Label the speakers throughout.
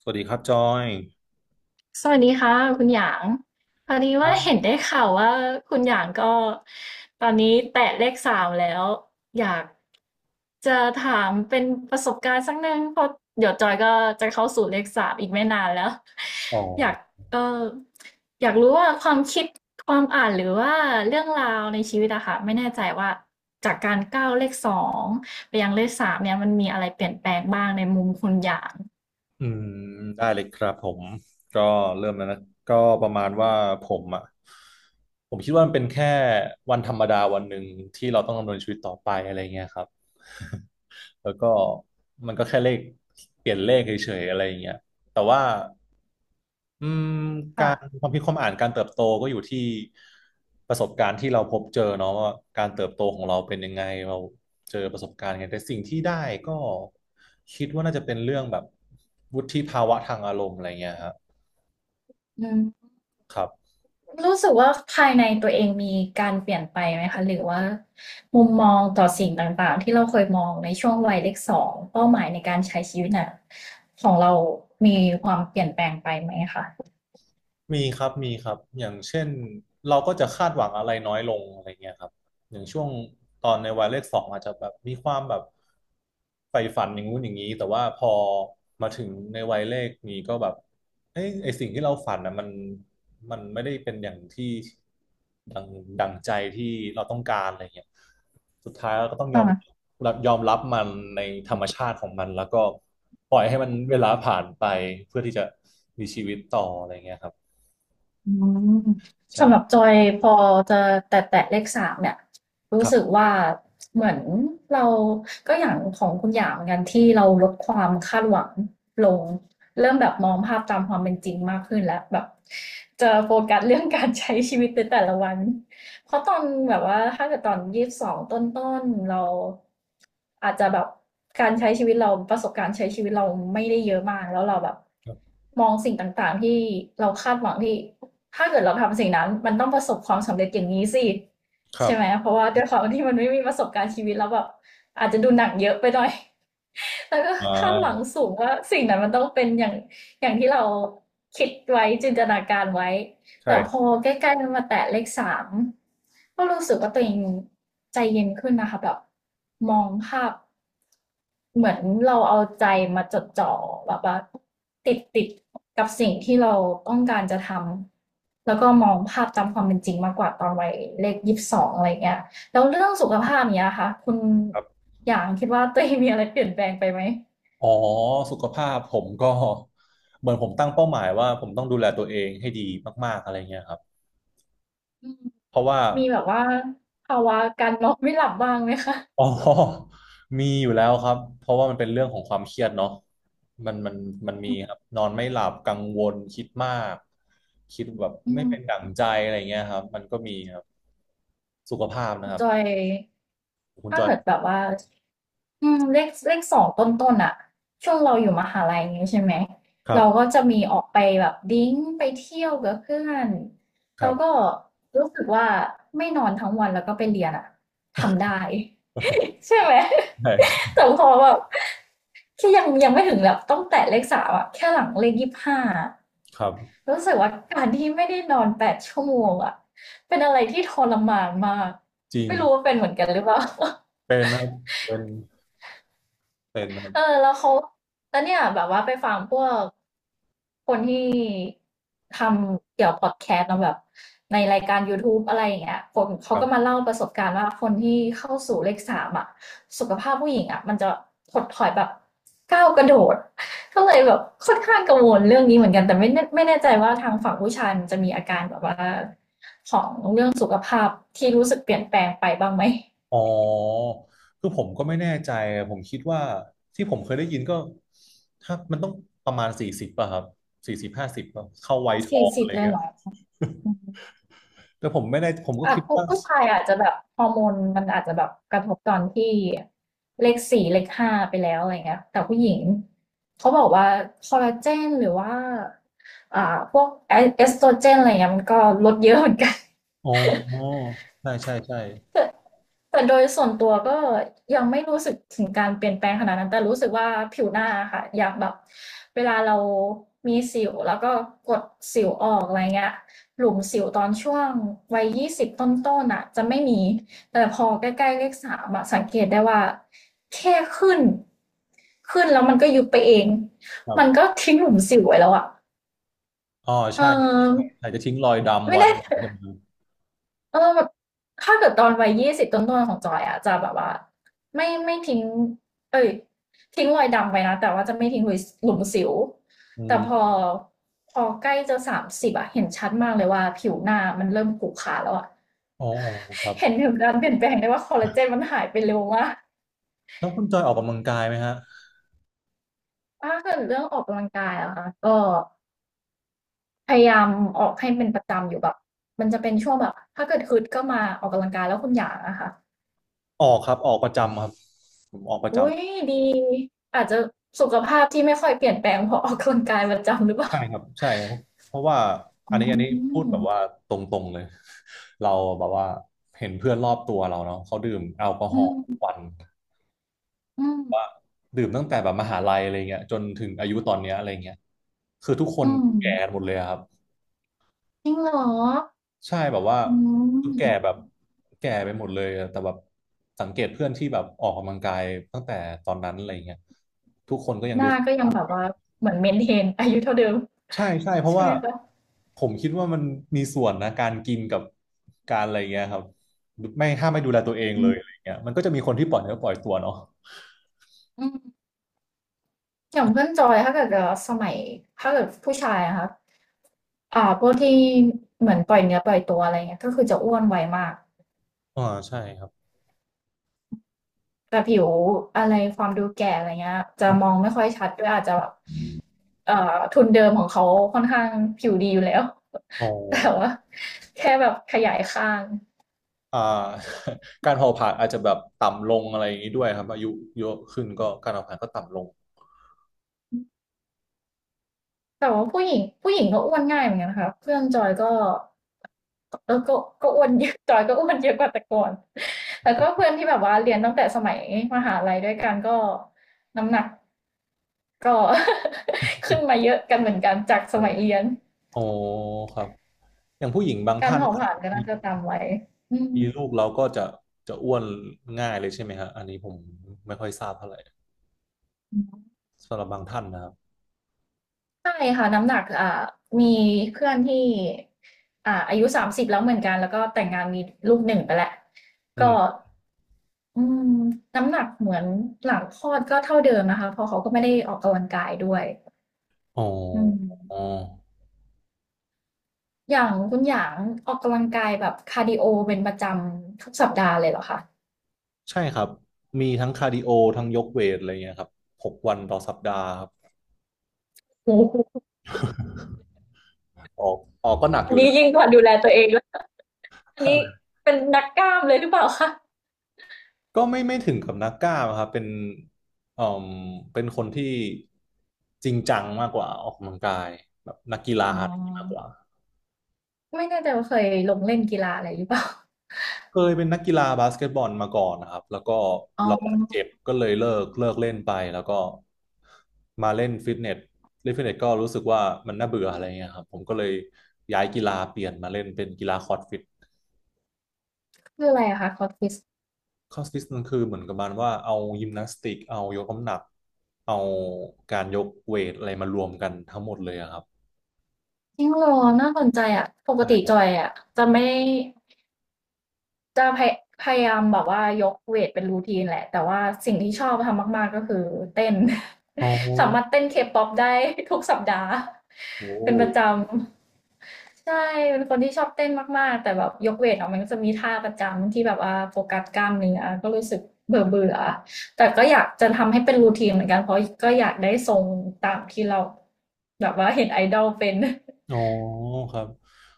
Speaker 1: สวัสดีครับจอย
Speaker 2: สวัสดีค่ะคุณหยางพอดีว่าเห็นได้ข่าวว่าคุณหยางก็ตอนนี้แตะเลขสามแล้วอยากจะถามเป็นประสบการณ์สักนึงเพราะเดี๋ยวจอยก็จะเข้าสู่เลขสามอีกไม่นานแล้วอยากเอออยากรู้ว่าความคิดความอ่านหรือว่าเรื่องราวในชีวิตอะค่ะไม่แน่ใจว่าจากการก้าวเลขสองไปยังเลขสามเนี่ยมันมีอะไรเปลี่ยนแปลงบ้างในมุมคุณหยาง
Speaker 1: อืมได้เลยครับผมก็เริ่มแล้วนะก็ประมาณว่าผมอ่ะผมคิดว่ามันเป็นแค่วันธรรมดาวันหนึ่งที่เราต้องดำเนินชีวิตต่อไปอะไรเงี้ยครับแล้วก็มันก็แค่เลขเปลี่ยนเลขเฉยๆอะไรเงี้ยแต่ว่า อืมกา
Speaker 2: ค่ะ
Speaker 1: รความคิดความอ่านการเติบโตก็อยู่ที่ประสบการณ์ที่เราพบเจอเนาะว่าการเติบโตของเราเป็นยังไงเราเจอประสบการณ์ไงแต่สิ่งที่ได้ก็คิดว่าน่าจะเป็นเรื่องแบบวุฒิภาวะทางอารมณ์อะไรเงี้ยฮะ
Speaker 2: อืม
Speaker 1: ครับ
Speaker 2: รู้สึกว่าภายในตัวเองมีการเปลี่ยนไปไหมคะหรือว่ามุมมองต่อสิ่งต่างๆที่เราเคยมองในช่วงวัยเลขสองเป้าหมายในการใช้ชีวิตน่ะของเรามีความเปลี่ยนแปลงไปไหมคะ
Speaker 1: มีครับมีครับอย่างเช่นเราก็จะคาดหวังอะไรน้อยลงอะไรเงี้ยครับอย่างช่วงตอนในวัยเลขสองอาจจะแบบมีความแบบใฝ่ฝันอย่างงู้นอย่างนี้แต่ว่าพอมาถึงในวัยเลขนี้ก็แบบเอ้ยไอสิ่งที่เราฝันนะมันไม่ได้เป็นอย่างที่ดังดังใจที่เราต้องการอะไรเงี้ยสุดท้ายเราก็ต้อง
Speaker 2: ค่ะ
Speaker 1: ยอมรับมันในธรรมชาติของมันแล้วก็ปล่อยให้มันเวลาผ่านไปเพื่อที่จะมีชีวิตต่ออะไรเงี้ยครับ
Speaker 2: อืมสำหรับจ
Speaker 1: ใช่
Speaker 2: อยพอจะแตะเลขสามเนี่ย
Speaker 1: ค
Speaker 2: รู้
Speaker 1: รั
Speaker 2: สึก
Speaker 1: บ
Speaker 2: ว่าเหมือนเราก็อย่างของคุณหยางเหมือนกันที่เราลดความคาดหวังลงเริ่มแบบมองภาพตามความเป็นจริงมากขึ้นแล้วแบบจะโฟกัสเรื่องการใช้ชีวิตในแต่ละวันเพราะตอนแบบว่าถ้าเกิดตอนยี่สิบสองต้นๆเราอาจจะแบบการใช้ชีวิตเราประสบการณ์ใช้ชีวิตเราไม่ได้เยอะมากแล้วเราแบบ
Speaker 1: ครับ
Speaker 2: มองสิ่งต่างๆที่เราคาดหวังที่ ถ้าเกิดเราทำสิ่งนั้น มันต้องประสบความสำเร็จอย่างนี้สิ
Speaker 1: ครับ
Speaker 2: ใช่ไหมเพราะว่าด้วยความที่มันไม่มีประสบการณ์ชีวิตแล้วแบบอาจจะดูหนังเยอะไปหน่อย แล้วก็
Speaker 1: อ่
Speaker 2: คาดหวัง
Speaker 1: า
Speaker 2: สูงว่าสิ่งนั้นมันต้องเป็นอย่างอย่างที่เราคิดไว้จินตนาการไว้
Speaker 1: ใช่
Speaker 2: แต่พอใกล้ๆมันมาแตะเลขสามก็รู้สึกว่าตัวเองใจเย็นขึ้นนะคะแบบมองภาพ เหมือนเราเอาใจมาจดจ่อแบบว่าติดกับสิ่งที่เราต้องการจะทำแล้วก็มองภาพตามความเป็นจริงมากกว่าตอนวัยเลขยี่สิบสองอะไรเงี้ยแล้วเรื่องสุขภาพเนี้ยค่ะคุณ
Speaker 1: ครับ
Speaker 2: อย่างคิดว่าตัวเองมีอะไรเปลี่ยนแปลงไปไหม
Speaker 1: อ๋อสุขภาพผมก็เหมือนผมตั้งเป้าหมายว่าผมต้องดูแลตัวเองให้ดีมากๆอะไรเงี้ยครับ
Speaker 2: อืม
Speaker 1: เพราะว่า
Speaker 2: มีแบบว่าภาวะการนอนไม่หลับบ้างไหมคะ
Speaker 1: อ๋อมีอยู่แล้วครับเพราะว่ามันเป็นเรื่องของความเครียดเนาะมันมันมันมี
Speaker 2: อืม
Speaker 1: ครับนอนไม่หลับกังวลคิดมากคิดแบบ
Speaker 2: อื
Speaker 1: ไม่
Speaker 2: ม
Speaker 1: เป็นดั่งใจอะไรเงี้ยครับมันก็มีครับสุขภาพ
Speaker 2: ขอ
Speaker 1: นะ
Speaker 2: ง
Speaker 1: ครับ
Speaker 2: จอย
Speaker 1: คุณ
Speaker 2: ถ้า
Speaker 1: จอย
Speaker 2: เกิดแบบว่าอืมเลขเลขสองต้นๆอ่ะช่วงเราอยู่มหาลัยอย่างงี้ใช่ไหม
Speaker 1: ครั
Speaker 2: เราก็
Speaker 1: บ
Speaker 2: จะมีออกไปแบบดริงก์ไปเที่ยวกับเพื่อน
Speaker 1: ค
Speaker 2: แล้
Speaker 1: รั
Speaker 2: วก็
Speaker 1: บ
Speaker 2: รู้สึกว่าไม่นอนทั้งวันแล้วก็ไปเรียนอะทำได้ใช่ไหม
Speaker 1: ใช่
Speaker 2: แต่พอแบบที่ยังไม่ถึงแบบต้องแตะเลขสามอะแค่หลังเลข25อะ
Speaker 1: ครับ
Speaker 2: รู้สึกว่าการที่ไม่ได้นอน8ชั่วโมงอะเป็นอะไรที่ทรมานมาก
Speaker 1: จริง
Speaker 2: ไม่รู้ว่าเป็นเหมือนกันหรือเปล่า
Speaker 1: เป็นครับเป็น เป็นนะครั
Speaker 2: เออ
Speaker 1: บ
Speaker 2: แล้วเขาแล้วเนี่ยแบบว่าไปฟังพวกคนที่ทำเกี่ยวพอดแคสต์เนอะแบบในรายการ YouTube อะไรอย่างเงี้ยคนเขา
Speaker 1: ครั
Speaker 2: ก็มา
Speaker 1: บ
Speaker 2: เล่าประสบการณ์ว่าคนที่เข้าสู่เลขสามอ่ะสุขภาพผู้หญิงอ่ะมันจะถดถอยแบบก้าวกระโดดก็เลยแบบค่อนข้างกังวลเรื่องนี้เหมือนกันแต่ไม่แน่ไม่แน่ใจว่าทางฝั่งผู้ชายมันจะมีอาการแบบว่าของเรื่องสุขภาพที่รู้สึกเปลี่ยนแปลงไปบ้างไหม
Speaker 1: อ๋อคือผมก็ไม่แน่ใจ ผมคิดว่าที่ผมเคยได้ยินก็ถ้ามันต้องประมาณสี่สิบป่ะครับสี่สิบ50เข้าวัยทอ
Speaker 2: สี่
Speaker 1: ง
Speaker 2: สิ
Speaker 1: อะ
Speaker 2: บ
Speaker 1: ไร
Speaker 2: เลย
Speaker 1: เงี้ย
Speaker 2: เหรอ
Speaker 1: แต่ผมไม่ได้ผมก็
Speaker 2: อ่ะ
Speaker 1: คิด
Speaker 2: ผู้
Speaker 1: ว่า
Speaker 2: ผู้ชายอาจจะแบบฮอร์โมนมันอาจจะแบบกระทบตอนที่เลขสี่เลขห้าไปแล้วอะไรเงี้ยแต่ผู้หญิงเขาบอกว่าคอลลาเจนหรือว่าพวกเอสโตรเจนอะไรเงี้ยมันก็ลดเยอะเหมือนกัน
Speaker 1: อ๋อใช่ใช่ใช่
Speaker 2: แต่แต่โดยส่วนตัวก็ยังไม่รู้สึกถึงการเปลี่ยนแปลงขนาดนั้นแต่รู้สึกว่าผิวหน้าอะค่ะอย่างแบบเวลาเรามีสิวแล้วก็กดสิวออกอะไรเงี้ยหลุมสิวตอนช่วงวัยยี่สิบต้นๆอ่ะจะไม่มีแต่พอใกล้ๆเลขสามอะสังเกตได้ว่าแค่ขึ้นขึ้นแล้วมันก็ยุบไปเอง
Speaker 1: ครั
Speaker 2: มันก็
Speaker 1: บ
Speaker 2: ทิ้งหลุมสิวไว้แล้วอ่ะ
Speaker 1: อ๋อ
Speaker 2: เ
Speaker 1: ใช่
Speaker 2: ออ
Speaker 1: อาจจะทิ้งรอยดำ
Speaker 2: ไม่
Speaker 1: ไว้
Speaker 2: แน่ใจ
Speaker 1: ใช่ไหม
Speaker 2: เออแบบถ้าเกิดตอนวัยยี่สิบต้นๆของจอยอะจะแบบว่าไม่ทิ้งเอ้ยทิ้งรอยดำไปนะแต่ว่าจะไม่ทิ้งหลุมสิว
Speaker 1: อื
Speaker 2: แต่พอ
Speaker 1: ม
Speaker 2: พอใกล้จะ30อะเห็นชัดมากเลยว่าผิวหน้ามันเริ่มขรุขระแล้วอะ
Speaker 1: อ๋อครั
Speaker 2: เห็น
Speaker 1: บ
Speaker 2: ถึงการเปลี่ยนแปลงได้ว่าคอลลาเจนมันหายไปเร็วมาก
Speaker 1: แล้วคุณจอยออกกำลังกายไหมฮะ
Speaker 2: ถ้าเกิดเรื่องออกกำลังกายอะค่ะก็พยายามออกให้เป็นประจำอยู่แบบมันจะเป็นช่วงแบบถ้าเกิดฮึดก็มาออกกำลังกายแล้วคุณหยางอะค่ะ
Speaker 1: ออกครับออกประจำครับผมออกประ
Speaker 2: อุ๊ย
Speaker 1: จำ
Speaker 2: ดีอาจจะสุขภาพที่ไม่ค่อยเปลี่ยนแปลงเพราะออกกำลังกายประจำหรือเปล่า
Speaker 1: ใช่ครับใช่ครับเพราะว่าอั
Speaker 2: อื
Speaker 1: นนี้อันนี้พูดแบบว่า
Speaker 2: ม
Speaker 1: ตรงๆเลย เราแบบว่าเห็นเพื่อนรอบตัวเราเนาะเขาดื่มแอลกอฮ
Speaker 2: อื
Speaker 1: อล์ทุกวั
Speaker 2: ม
Speaker 1: น
Speaker 2: อืม
Speaker 1: ดื่มตั้งแต่แบบมหาลัยอะไรเงี้ยจนถึงอายุตอนเนี้ยอะไรเงี้ยคือทุกค
Speaker 2: อื
Speaker 1: น
Speaker 2: ม
Speaker 1: แก่หมดเลยอะครับ
Speaker 2: จริงเหรอ
Speaker 1: ใช่แบบว่า
Speaker 2: อื
Speaker 1: แก่
Speaker 2: ม
Speaker 1: แบบแก่ไปหมดเลยอะแต่แบบสังเกตเพื่อนที่แบบออกกำลังกายตั้งแต่ตอนนั้นอะไรเงี้ยทุกคนก็ยัง
Speaker 2: ห
Speaker 1: ดู
Speaker 2: น้าก็ยังแบบว่าเหมือนเมนเทนอายุเท่าเดิม
Speaker 1: ใช่ใช่เพราะ
Speaker 2: ใช่
Speaker 1: ว่า
Speaker 2: ไหมคะ
Speaker 1: ผมคิดว่ามันมีส่วนนะการกินกับการอะไรเงี้ยครับไม่ถ้าไม่ดูแลตัวเอง
Speaker 2: อื
Speaker 1: เลยอะไร
Speaker 2: ม
Speaker 1: เงี้ยมันก็จะมีคนที่ปล่อยเนื้อปล่อยตัวเนาะ
Speaker 2: อืมอย่างเพื่อนจอยถ้าเกิดจะสมัยถ้าเกิดผู้ชายอะค่ะพวกที่เหมือนปล่อยเนื้อปล่อยตัวอะไรเงี้ยก็คือจะอ้วนไวมาก
Speaker 1: อ่าใช่ครับ
Speaker 2: แต่ผิวอะไรความดูแก่อะไรเงี้ยจะมองไม่ค่อยชัดด้วยอาจจะแบบเอ่อทุนเดิมของเขาค่อนข้างผิวดีอยู่แล้ว
Speaker 1: อ๋อ
Speaker 2: แต่ว่าแค่แบบขยายข้าง
Speaker 1: อ่า การเผาผลาญอาจจะแบบต่ำลงอะไรอย่างนี้ด้วยครับอายุเยอะขึ้นก็การเผาผลาญก็ต่ำลง
Speaker 2: แต่ว่าผู้หญิงผู้หญิงก็อ้วนง่ายเหมือนกันนะคะเพื่อนจอยก็เออก็อ้วนเยอะ จอยก็อ้วนเยอะกว่าแต่ก่อนแล้วก็เพื่อนที่แบบว่าเรียนตั้งแต่สมัยมหาลัยด้วยกันก็น้ำหนักก็ ขึ้นมาเยอะกันเหมือนกันจากส
Speaker 1: อ๋อ
Speaker 2: มัยเรียน
Speaker 1: อ๋อครับอย่างผู้หญิงบาง
Speaker 2: การ
Speaker 1: ท่าน
Speaker 2: เผาผลาญก็
Speaker 1: มี
Speaker 2: น่าจะตามไว้อืม
Speaker 1: มีลูกแล้วก็จะจะอ้วนง่ายเลยใช่ไหมฮะอันนี้ผมไม่ค่อยทราบเท่าไหร่สำหรับบางท่านนะครับ
Speaker 2: ใช่ค่ะน้ำหนักมีเพื่อนที่อายุ30แล้วเหมือนกันแล้วก็แต่งงานมีลูก1ไปแล้ว
Speaker 1: อื
Speaker 2: ก็
Speaker 1: ม
Speaker 2: อืมน้ำหนักเหมือนหลังคลอดก็เท่าเดิมนะคะเพราะเขาก็ไม่ได้ออกกำลังกายด้วย
Speaker 1: อ๋อ
Speaker 2: อืม
Speaker 1: อ๋อ
Speaker 2: อย่างคุณหยางออกกำลังกายแบบคาร์ดิโอเป็นประจำทุกสัปดาห์เลยเหรอคะ
Speaker 1: ใช่ครับ มีทั้งคาร์ดิโอ ทั้งยกเวทอะไรเงี้ยครับ6 วันต่อสัปดาห์ครับ
Speaker 2: โอ้โห
Speaker 1: ออกออกก็หนักอ
Speaker 2: อัน
Speaker 1: ยู่
Speaker 2: นี้
Speaker 1: นะ
Speaker 2: ยิ่งกว่าดูแลตัวเองแล้วอันนี้เป็นนักกล้ามเลยหรือเปล่าคะ
Speaker 1: ก็ไม่ไม่ถึงกับนักกล้ามครับเป็นเอ่มเป็นคนที่จริงจังมากกว่าออกกำลังกายแบบนักกีฬา
Speaker 2: อ๋อ
Speaker 1: อะไรอย่างนี้มากกว่า
Speaker 2: ไม่แน่ใจว่าเคยลงเล่นกีฬาอะไรหรือเปล่า
Speaker 1: เคยเป็นนักกีฬาบาสเกตบอลมาก่อนนะครับแล้วก็
Speaker 2: อ๋
Speaker 1: เราบาดเจ็บ
Speaker 2: อ
Speaker 1: ก็เลยเลิกเล่นไป แล้วก็มาเล่นฟิตเนสเล่นฟิตเนสก็รู้สึกว่ามันน่าเบื่ออะไรเงี้ยครับ ผมก็เลยย้ายกีฬาเปลี่ยนมาเล่นเป็นกีฬาคอร์ดฟิต
Speaker 2: คืออะไรอะคะคอร์สฟิส
Speaker 1: คอสฟิตมันคือเหมือนกับมันว่าเอายิมนาสติกเอายกน้ำหนักเอาการยกเวทอะไรมารวมกันทั้งหมดเลยอะครับ
Speaker 2: จริงเหรอน่าสนใจอะป
Speaker 1: ใช
Speaker 2: กติ
Speaker 1: ่
Speaker 2: จอยอะจะไม่ จะพยายามแบบว่ายกเวทเป็นรูทีนแหละแต่ว่าสิ่งที่ชอบทำมากๆก็คือเต้น
Speaker 1: อ๋อ
Speaker 2: สามารถเต้นเคป๊อปได้ ทุกสัปดาห์
Speaker 1: โอ้
Speaker 2: เป็นประจำใช่เป็นคนที่ชอบเต้นมากๆแต่แบบยกเวทอ่ะมันก็จะมีท่าประจำที่แบบว่าโฟกัสกล้ามเนื้อก็รู้สึกเบื่อเบื่อแต่ก็อยากจะทำให้เป็นรูทีนเหมือนกันเพราะก็อยากได้ทรงตามที่เราแบบว่าเห็นไอดอลเป็น
Speaker 1: อ๋อครับ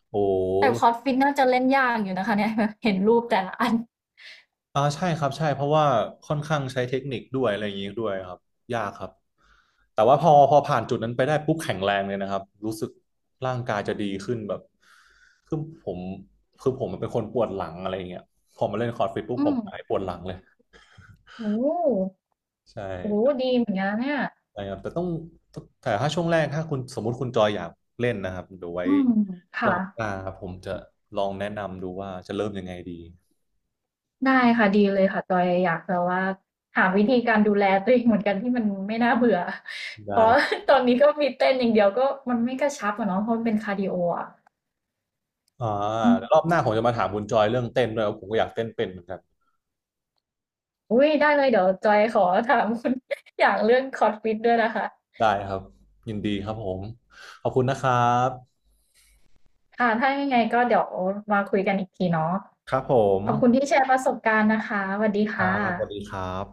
Speaker 1: โอ้
Speaker 2: แต่คอร์สฟิตน่าจะเล่นยากอยู่นะคะเนี่ย เห็นรูปแต่ละอัน
Speaker 1: อ่าใช่ครับใช่เพราะว่าค่อนข้างใช้เทคนิคด้วยอะไรอย่างนี้ด้วยครับยากครับแต่ว่าพอผ่านจุดนั้นไปได้ปุ๊บแข็งแรงเลยนะครับรู้สึกร่างกายจะดีขึ้นแบบคือผมคือผมเป็นคนปวดหลังอะไรอย่างเงี้ยพอมาเล่นคอร์ดฟิตปุ๊บ
Speaker 2: อื
Speaker 1: ผม
Speaker 2: ม
Speaker 1: หายปวดหลังเลย
Speaker 2: โอ้
Speaker 1: ใช่
Speaker 2: โหดีเหมือนกันนะเนี่ย
Speaker 1: ใช่ครับแต่ต้องแต่ถ้าช่วงแรกถ้าคุณสมมุติคุณจอยอยากเล่นนะครับเดี๋ยวไว้
Speaker 2: อืม
Speaker 1: ร
Speaker 2: ค่ะ
Speaker 1: อบหน้าผมจะลองแนะนำดูว่าจะเริ่มยังไงดี
Speaker 2: ได้ค่ะ ดีเลยค่ะจอยอยากจะว่าหาวิธีการดูแลตัวเองเหมือนกันที่มันไม่น่าเบื่อ เพ
Speaker 1: ได้
Speaker 2: ราะตอนนี้ก็มีเต้นอย่างเดียวก็มันไม่กระชับอะเนาะเพราะมันเป็นคาร์ดิโออ่ะ
Speaker 1: อ่า
Speaker 2: อื
Speaker 1: เดี๋ยวรอบ
Speaker 2: ม
Speaker 1: หน้าผมจะมาถามคุณจอยเรื่องเต้นด้วยว่าะผมก็อยากเต้นเป็นเหมือนกัน
Speaker 2: อุ้ยได้เลยเดี๋ยวจอยขอถามคุณ อย่างเรื่องคอร์สฟิตด้วยนะคะ
Speaker 1: ได้ครับยินดีครับผมขอบคุณนะครับ
Speaker 2: ค่ะถ้ายังไงก็เดี๋ยวมาคุยกันอีกทีเนาะ
Speaker 1: ครับผม
Speaker 2: ขอบคุณที่แชร์ประสบการณ์นะคะสวัสดี
Speaker 1: ค
Speaker 2: ค่ะ
Speaker 1: รับบสวัสดีครับ